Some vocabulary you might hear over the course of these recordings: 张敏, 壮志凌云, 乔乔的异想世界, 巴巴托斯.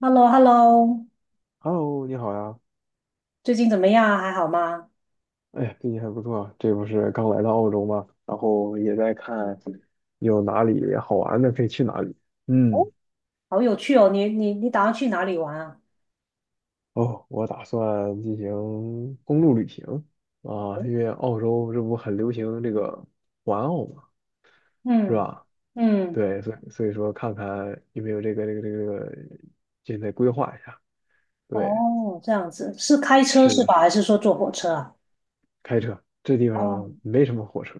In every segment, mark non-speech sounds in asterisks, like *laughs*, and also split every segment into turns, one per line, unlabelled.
h e l l o h e l l o
Hello，你好呀！
最近怎么样啊还好吗？
哎，最近还不错啊，这不是刚来到澳洲吗？然后也在看有哪里好玩的可以去哪里。
哦，
嗯，
好有趣哦！你打算去哪里玩啊？
哦，我打算进行公路旅行啊，因为澳洲这不很流行这个环澳嘛，是
嗯
吧？
嗯，
对，所以说看看有没有这个，现在规划一下。对，
哦，这样子，是开车
是
是
的，
吧？
是。
还是说坐火车啊？
开车，这地
哦，
方没什么火车，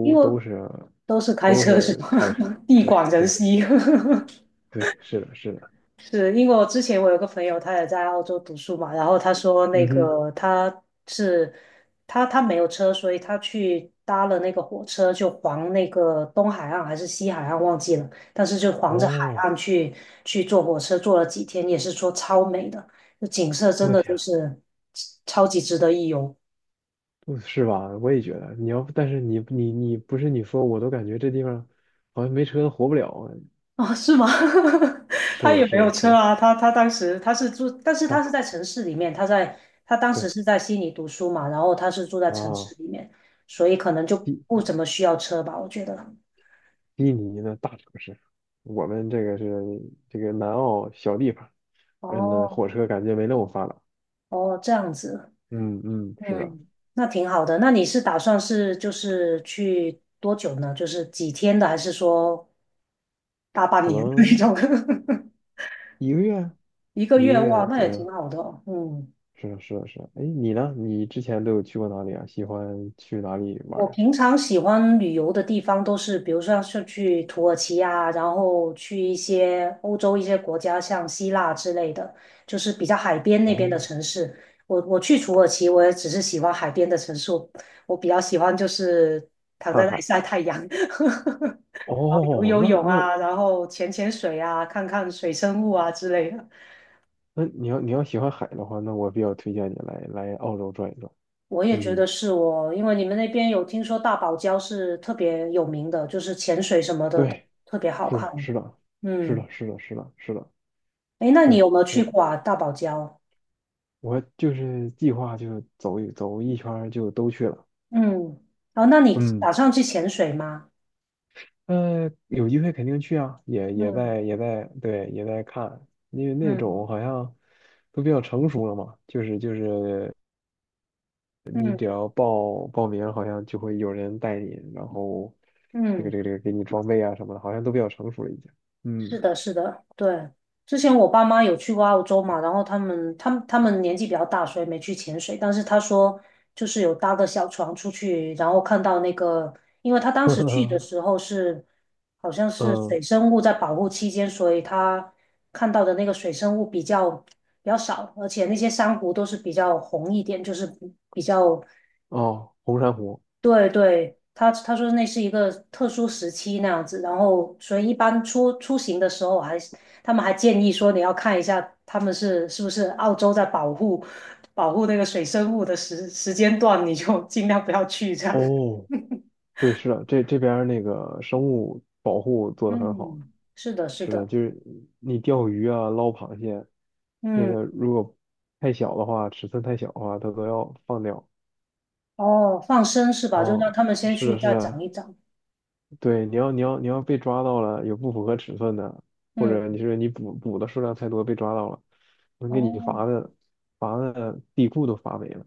因为
都是
都是开
都
车是
是
吧？
开车。
*laughs* 地
对
广人
对是
稀。*laughs*
对，是的，是的。
是因为我之前我有个朋友，他也在澳洲读书嘛，然后他说那
嗯哼，
个他是他他没有车，所以他去搭了那个火车，就环那个东海岸还是西海岸忘记了，但是就环着海
哦，
岸去坐火车，坐了几天，也是说超美的，那景色真
我
的就
天，
是超级值得一游。
不是吧？我也觉得，你要但是你不是你说，我都感觉这地方好像没车活不了啊
*laughs* 哦，是吗？*laughs*
是
他
的，
也没
是
有
的，是
车
的，
啊，他当时他是住，但是他
它
是在城市里面，他当时
对
是在悉尼读书嘛，然后他是住在城
啊，
市里面，所以可能就
悉
不怎么需要车吧，我觉得。
悉尼的大城市，我们这个是这个南澳小地方，嗯，那
哦
火车感觉没那么发达。
哦，这样子，
嗯嗯，是的，
嗯，那挺好的。那你是打算是就是去多久呢？就是几天的，还是说大半
可
年的那
能。
种？
一个月，
*laughs* 一个
一个
月，哇，
月
那也
左
挺
右。
好的哦嗯。
是的，是的，是的。哎，你呢？你之前都有去过哪里啊？喜欢去哪里玩
我
儿？
平常喜欢旅游的地方都是，比如说是去土耳其啊，然后去一些欧洲一些国家，像希腊之类的，就是比较海边那边
哦，
的城市。我我去土耳其，我也只是喜欢海边的城市，我比较喜欢就是躺
看
在那里
海。
晒太阳，*laughs* 然后游
哦，
游
那
泳
那
啊，然后潜潜水啊，看看水生物啊之类的。
那你要你要喜欢海的话，那我比较推荐你来澳洲转一转。
我也觉
嗯，
得是我，因为你们那边有听说大堡礁是特别有名的，就是潜水什么的都
对，
特别好
是
看。
的，是的，是
嗯，
的，是的，是的，是的。
诶，那你
对，
有没有去
我
过啊？大堡礁？
我就是计划就走一圈儿就都去了。
嗯，哦，那你
嗯。
打算去潜水吗？
有机会肯定去啊，也也
嗯
在也在对也在看，因为那
嗯
种好像都比较成熟了嘛，就是就是你
嗯
只要报名，好像就会有人带你，然后这个
嗯，
这个这个给你装备啊什么的，好像都比较成熟了已经。
是
嗯，
的，是的，对。之前我爸妈有去过澳洲嘛，然后他们年纪比较大，所以没去潜水。但是他说，就是有搭个小船出去，然后看到那个，因为他当时去的
*laughs*
时候是好像是
嗯
水生物在保护期间，所以他看到的那个水生物比较少，而且那些珊瑚都是比较红一点，就是比较
哦，红珊瑚
对对，他他说那是一个特殊时期那样子，然后所以一般出行的时候他们还建议说你要看一下他们是不是澳洲在保护那个水生物的时间段，你就尽量不要去这样。
哦，对，是的，这这边儿那个生物保护
*laughs*
做得很好。
嗯，是的，是
是的，
的，
就是你钓鱼啊、捞螃蟹，那
嗯，
个如果太小的话，尺寸太小的话，它都要放掉。
哦，放生是吧？就让
哦，
他们先
是
去
的，是
再长
的，
一长。
对，你要被抓到了，有不符合尺寸的，或
嗯，
者你是你捕的数量太多被抓到了，能
哦
给你罚的罚的地库都罚没了。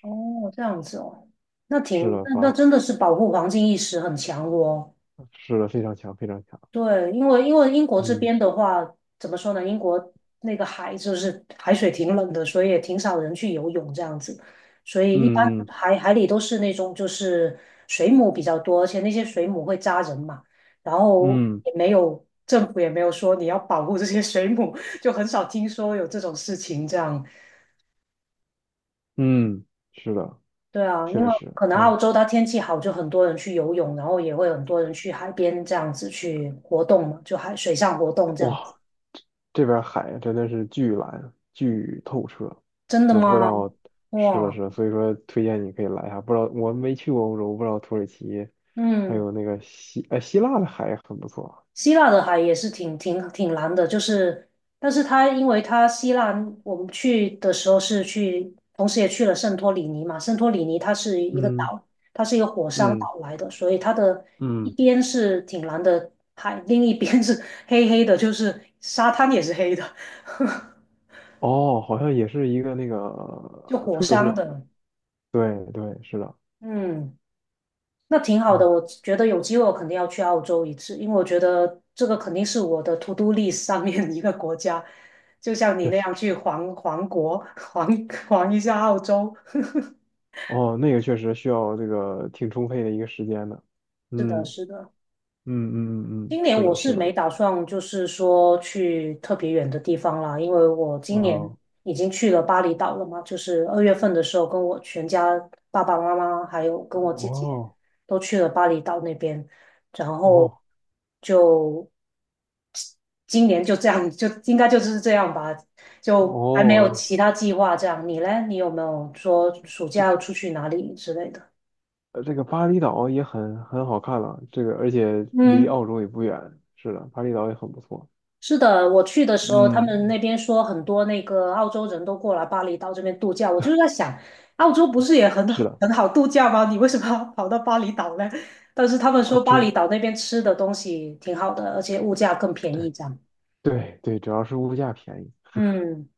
哦，这样子哦，那挺
是的，
那那
罚
真的是保护环境意识很强哦。
是的，非常强，非常强。
对，因为英国这
嗯
边的话，怎么说呢？英国那个海就是海水挺冷的，所以也挺少人去游泳这样子，所以一般
嗯嗯
海里都是那种就是水母比较多，而且那些水母会扎人嘛，然后
嗯
也没有政府也没有说你要保护这些水母，就很少听说有这种事情这样。
嗯，是的。
对啊，因
确
为
实，
可能
哎
澳
呀，
洲它天气好，就很多人去游泳，然后也会很多人去海边这样子去活动嘛，就海水上活动这样。
哇，这边海真的是巨蓝巨透彻，
真的
我不知
吗？
道是了
哇，
是，所以说推荐你可以来一下。不知道我没去过欧洲，不知道土耳其还
嗯，
有那个希希腊的海也很不错。
希腊的海也是挺挺蓝的，就是，但是它因为它希腊，我们去的时候是去，同时也去了圣托里尼嘛，圣托里尼它是一个
嗯
岛，它是一个火山
嗯
岛来的，所以它的一
嗯，
边是挺蓝的海，另一边是 *laughs* 黑黑的，就是沙滩也是黑的，
哦，好像也是一个那个
*laughs* 就火
特
山
色。
的，
对对，是的。
嗯。那挺
哎
好的，
呦，
我觉得有机会我肯定要去澳洲一次，因为我觉得这个肯定是我的 to do list 上面一个国家，就像你
确
那
实，
样去环国，环一下澳洲。*laughs*
哦，那个确实需要这个挺充沛的一个时间的。
是的，
嗯
是的。
嗯嗯嗯嗯，
今年
是
我
的，是
是
的。
没打算，就是说去特别远的地方啦，因为我今年
哦。
已经去了巴厘岛了嘛，就是二月份的时候，跟我全家爸爸妈妈还有跟我姐姐
哦
都去了巴厘岛那边，然后
哦
就今年就这样，就应该就是这样吧，就还没有
哦，
其他计划这样。你嘞，你有没有说暑
这
假要
个
出去哪里之类的？
这个巴厘岛也很很好看了，这个而且离
嗯
澳洲也不远。是的，巴厘岛也很不错。
是的，我去的时候，他们
嗯，
那边说很多那个澳洲人都过来巴厘岛这边度假，我就是在想，澳洲不是也很
是的，
很好度假吗？你为什么要跑到巴厘岛呢？但是他们
啊，
说巴
主
厘岛那边吃的东西挺好的，而且物价更便
对
宜，这样。
对对，主要是物价便宜。*laughs*
嗯，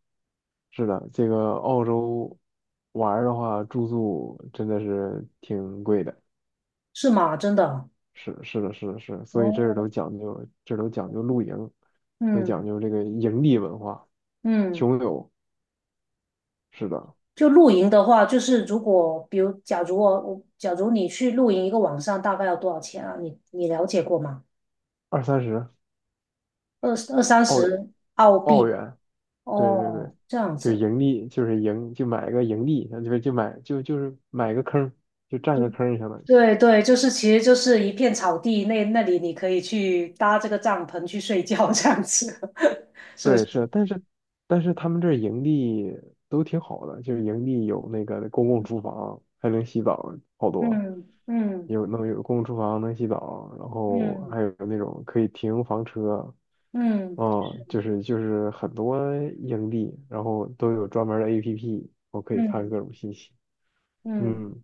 是的，这个澳洲玩儿的话，住宿真的是挺贵的。
是吗？真的。
是是的，是的，是的所以这儿
哦，
都讲究，这儿都讲究露营，都讲
嗯
究这个营地文化。
嗯，
穷游，是的，
就露营的话，就是如果比如假如你去露营一个晚上，大概要多少钱啊？你你了解过吗？
二三十
二二三
澳
十澳
澳
币。
元，对对对，
哦，这样
就
子，
盈利，就是盈，就买个盈利，就就买就就是买个坑，就占个坑，相当于。
对对，就是其实就是一片草地，那那里你可以去搭这个帐篷去睡觉，这样子，*laughs* 是不
对，
是？
是，但是但是他们这儿盈利都挺好的，就是盈利有那个公共厨房，还能洗澡，好多
嗯嗯
有能有公共厨房能洗澡，然后
嗯
还有那种可以停房车，
嗯
嗯，就是就是很多盈利，然后都有专门儿的 APP,我可以
嗯
看各
嗯
种信息，
嗯。
嗯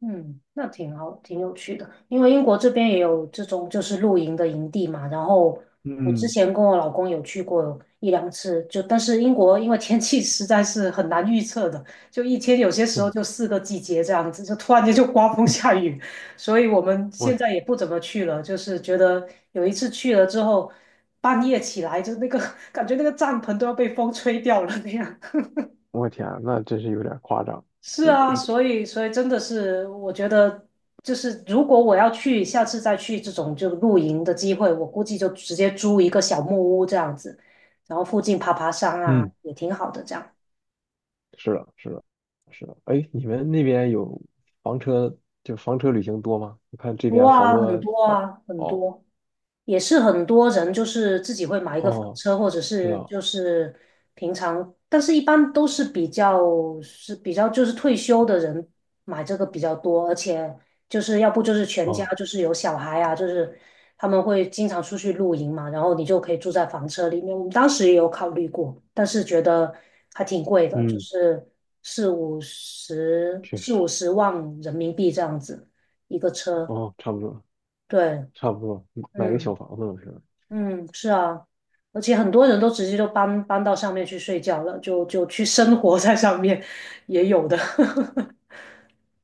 嗯，那挺好，挺有趣的。因为英国这边也有这种就是露营的营地嘛，然后我之
嗯。
前跟我老公有去过1两次，就但是英国因为天气 *laughs* 实在是很难预测的，就一天有些时候就
*laughs*
四个季节这样子，就突然间就刮风 *laughs* 下雨，所以我们
我
现在
天
也不怎么去了，就是觉得有一次去了之后，半夜起来就那个 *laughs* 感觉那个帐篷都要被风吹掉了那样。
我天，那真是有点夸张。
是啊，所以真的是，我觉得就是如果我要去，下次再去这种就露营的机会，我估计就直接租一个小木屋这样子，然后附近爬爬山啊，
嗯，
也挺好的这样。
是的，是的，是的。哎，你们那边有房车，就房车旅行多吗？我看这
多
边好
啊，很
多，
多
哦
啊，很
哦
多。也是很多人就是自己会买一个房
哦，
车，或者
知
是
道，
就是平常，但是一般都是比较是比较就是退休的人买这个比较多，而且就是要不就是全家
哦，
就是有小孩啊，就是他们会经常出去露营嘛，然后你就可以住在房车里面。我们当时也有考虑过，但是觉得还挺贵的，就
嗯
是四五十
确
四
实，
五十万人民币这样子一个车，
哦，差不多，
对。
差不多，嗯买个小
嗯。
房子了是吧
嗯，是啊，而且很多人都直接就搬到上面去睡觉了，就去生活在上面，也有的。*laughs*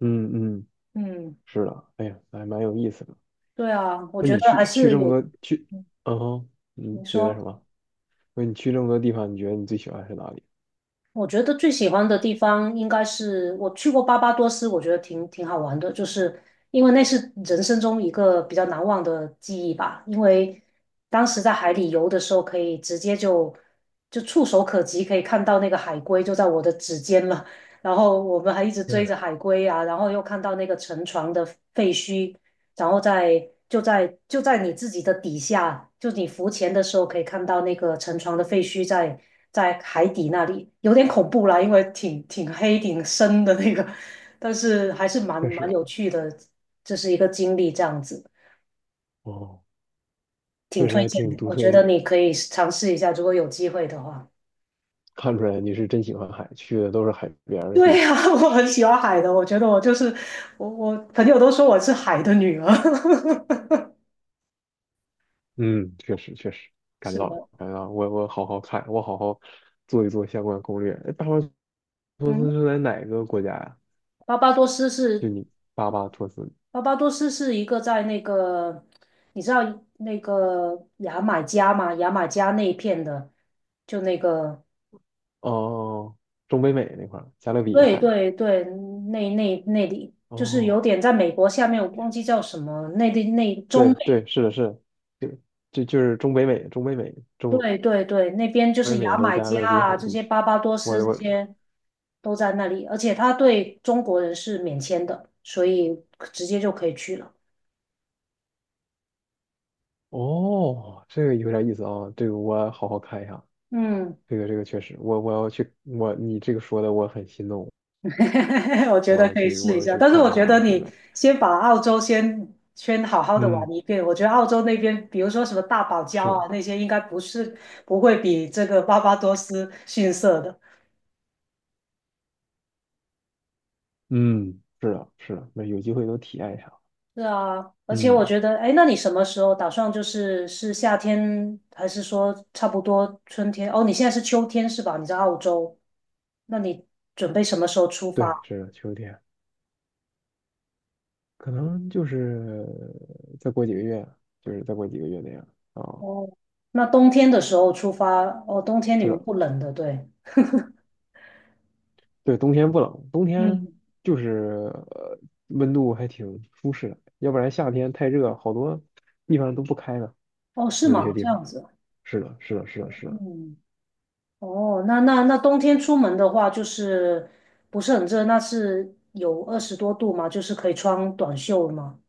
嗯嗯，
嗯，
是的，哎呀，还蛮有意思的。
对啊，我
那
觉
你
得还
去去
是
这
有。
么多去，
嗯
嗯哼，你
你
觉得什
说，
么？那你去这么多地方，你觉得你最喜欢是哪里？
我觉得最喜欢的地方应该是我去过巴巴多斯，我觉得挺好玩的，就是因为那是人生中一个比较难忘的记忆吧。因为当时在海里游的时候，可以直接就触手可及，可以看到那个海龟就在我的指尖了。然后我们还一直追
嗯，
着海龟啊，然后又看到那个沉船的废墟，然后在你自己的底下，就你浮潜的时候可以看到那个沉船的废墟在海底那里，有点恐怖啦，因为挺黑挺深的那个，但是还是蛮
确
蛮
实，
有趣的，这是一个经历，这样子
哦，
挺
确实
推
还
荐
挺
的，
独
我
特
觉
一
得
个。
你可以尝试一下，如果有机会的话。
看出来你是真喜欢海，去的都是海边
*laughs*
儿的地
对
方。
呀、*laughs* 我很喜欢海的，我觉得我就是我，我朋友都说我是海的女儿。*laughs*
嗯，确实确实，感觉
是
到了，
的，
感觉到了我我好好看，我好好做一做相关攻略。哎，巴巴托
嗯，
斯是在哪个国家呀？
巴巴多斯
就
是
你巴巴托斯
巴巴多斯是一个在那个，你知道那个牙买加吗？牙买加那一片的，就那个，
哦，中北美那块儿，加勒比
对
海。
对对，那里就是有
哦，
点在美国下面，我忘
天
记叫什么，那中
对
美
对，是的，是的，就就就是中北美，中北美，中
对对对，那边就
北
是牙
美和
买
加
加
勒比
啊，
海
这
地
些
区。
巴巴多
我
斯这
我
些都在那里，而且他对中国人是免签的，所以直接就可以去了。
哦，这个有点意思啊，这个我好好看一下。
嗯，
这个这个确实，我我要去，我你这个说的我很心动，
*laughs* 我觉
我
得
要
可以
去
试
我
一
要
下，
去
但是我
看一下
觉
啊。
得
现
你
在，
把澳洲先好好的玩
嗯
一遍。我觉得澳洲那边，比如说什么大堡礁
是
啊那些，应该不是不会比这个巴巴多斯逊色的。
嗯是的，是的，那有机会都体验一下。
是啊，而且我
嗯，
觉得，哎，那你什么时候打算就是是夏天，还是说差不多春天？哦，你现在是秋天是吧？你在澳洲，那你准备什么时候出
对，
发？
是的，秋天可能就是再过几个月，就是再过几个月那样啊。
哦，那冬天的时候出发，哦，冬天你
是
们
的，
不冷的，对。
对，冬天不冷，冬天
嗯。
就是呃温度还挺舒适的，要不然夏天太热，好多地方都不开了，
哦，是
有一些
吗？
地
这
方。
样子，
是的，是的，是的，是的。
嗯，哦，那冬天出门的话，就是不是很热，那是有20多度吗？就是可以穿短袖吗？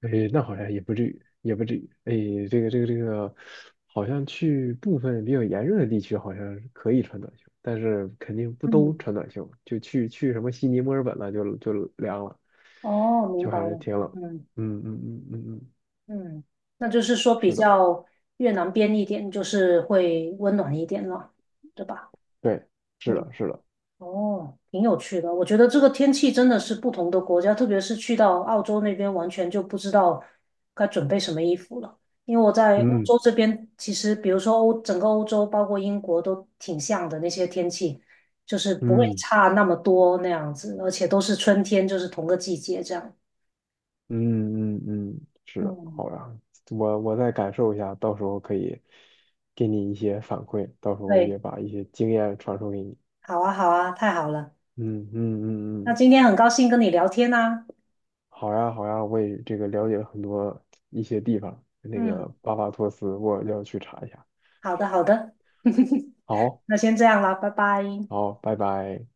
哎，那好像也不至于，也不至于。哎，这个这个这个，好像去部分比较炎热的地区，好像是可以穿短袖，但是肯定不都
嗯，
穿短袖。就去去什么悉尼、墨尔本了，就就凉了，
哦，明
就
白
还是
了，
挺冷。
嗯。
嗯嗯嗯嗯嗯，
嗯，那就是说比
是的，
较越南边一点，就是会温暖一点了，对吧？
对，是
嗯，
的，是的，
哦，挺有趣的。我觉得这个天气真的是不同的国家，特别是去到澳洲那边，完全就不知道该准备什么衣服了。因为我在欧
嗯
洲这边，其实比如说整个欧洲，包括英国都挺像的那些天气，就是不会
嗯
差那么多那样子，而且都是春天，就是同个季节这样。
嗯嗯嗯，是的。
嗯，
好呀，我我再感受一下，到时候可以给你一些反馈，到时候
对，
也把一些经验传授给你。
好啊，好啊，太好了。
嗯嗯嗯
那
嗯。
今天很高兴跟你聊天啊。
好呀，好呀，我也这个了解了很多一些地方，那
嗯，
个巴巴托斯，我要去查一下。
好的，好的，*laughs*
好，
那先这样了，拜拜。
好，拜拜。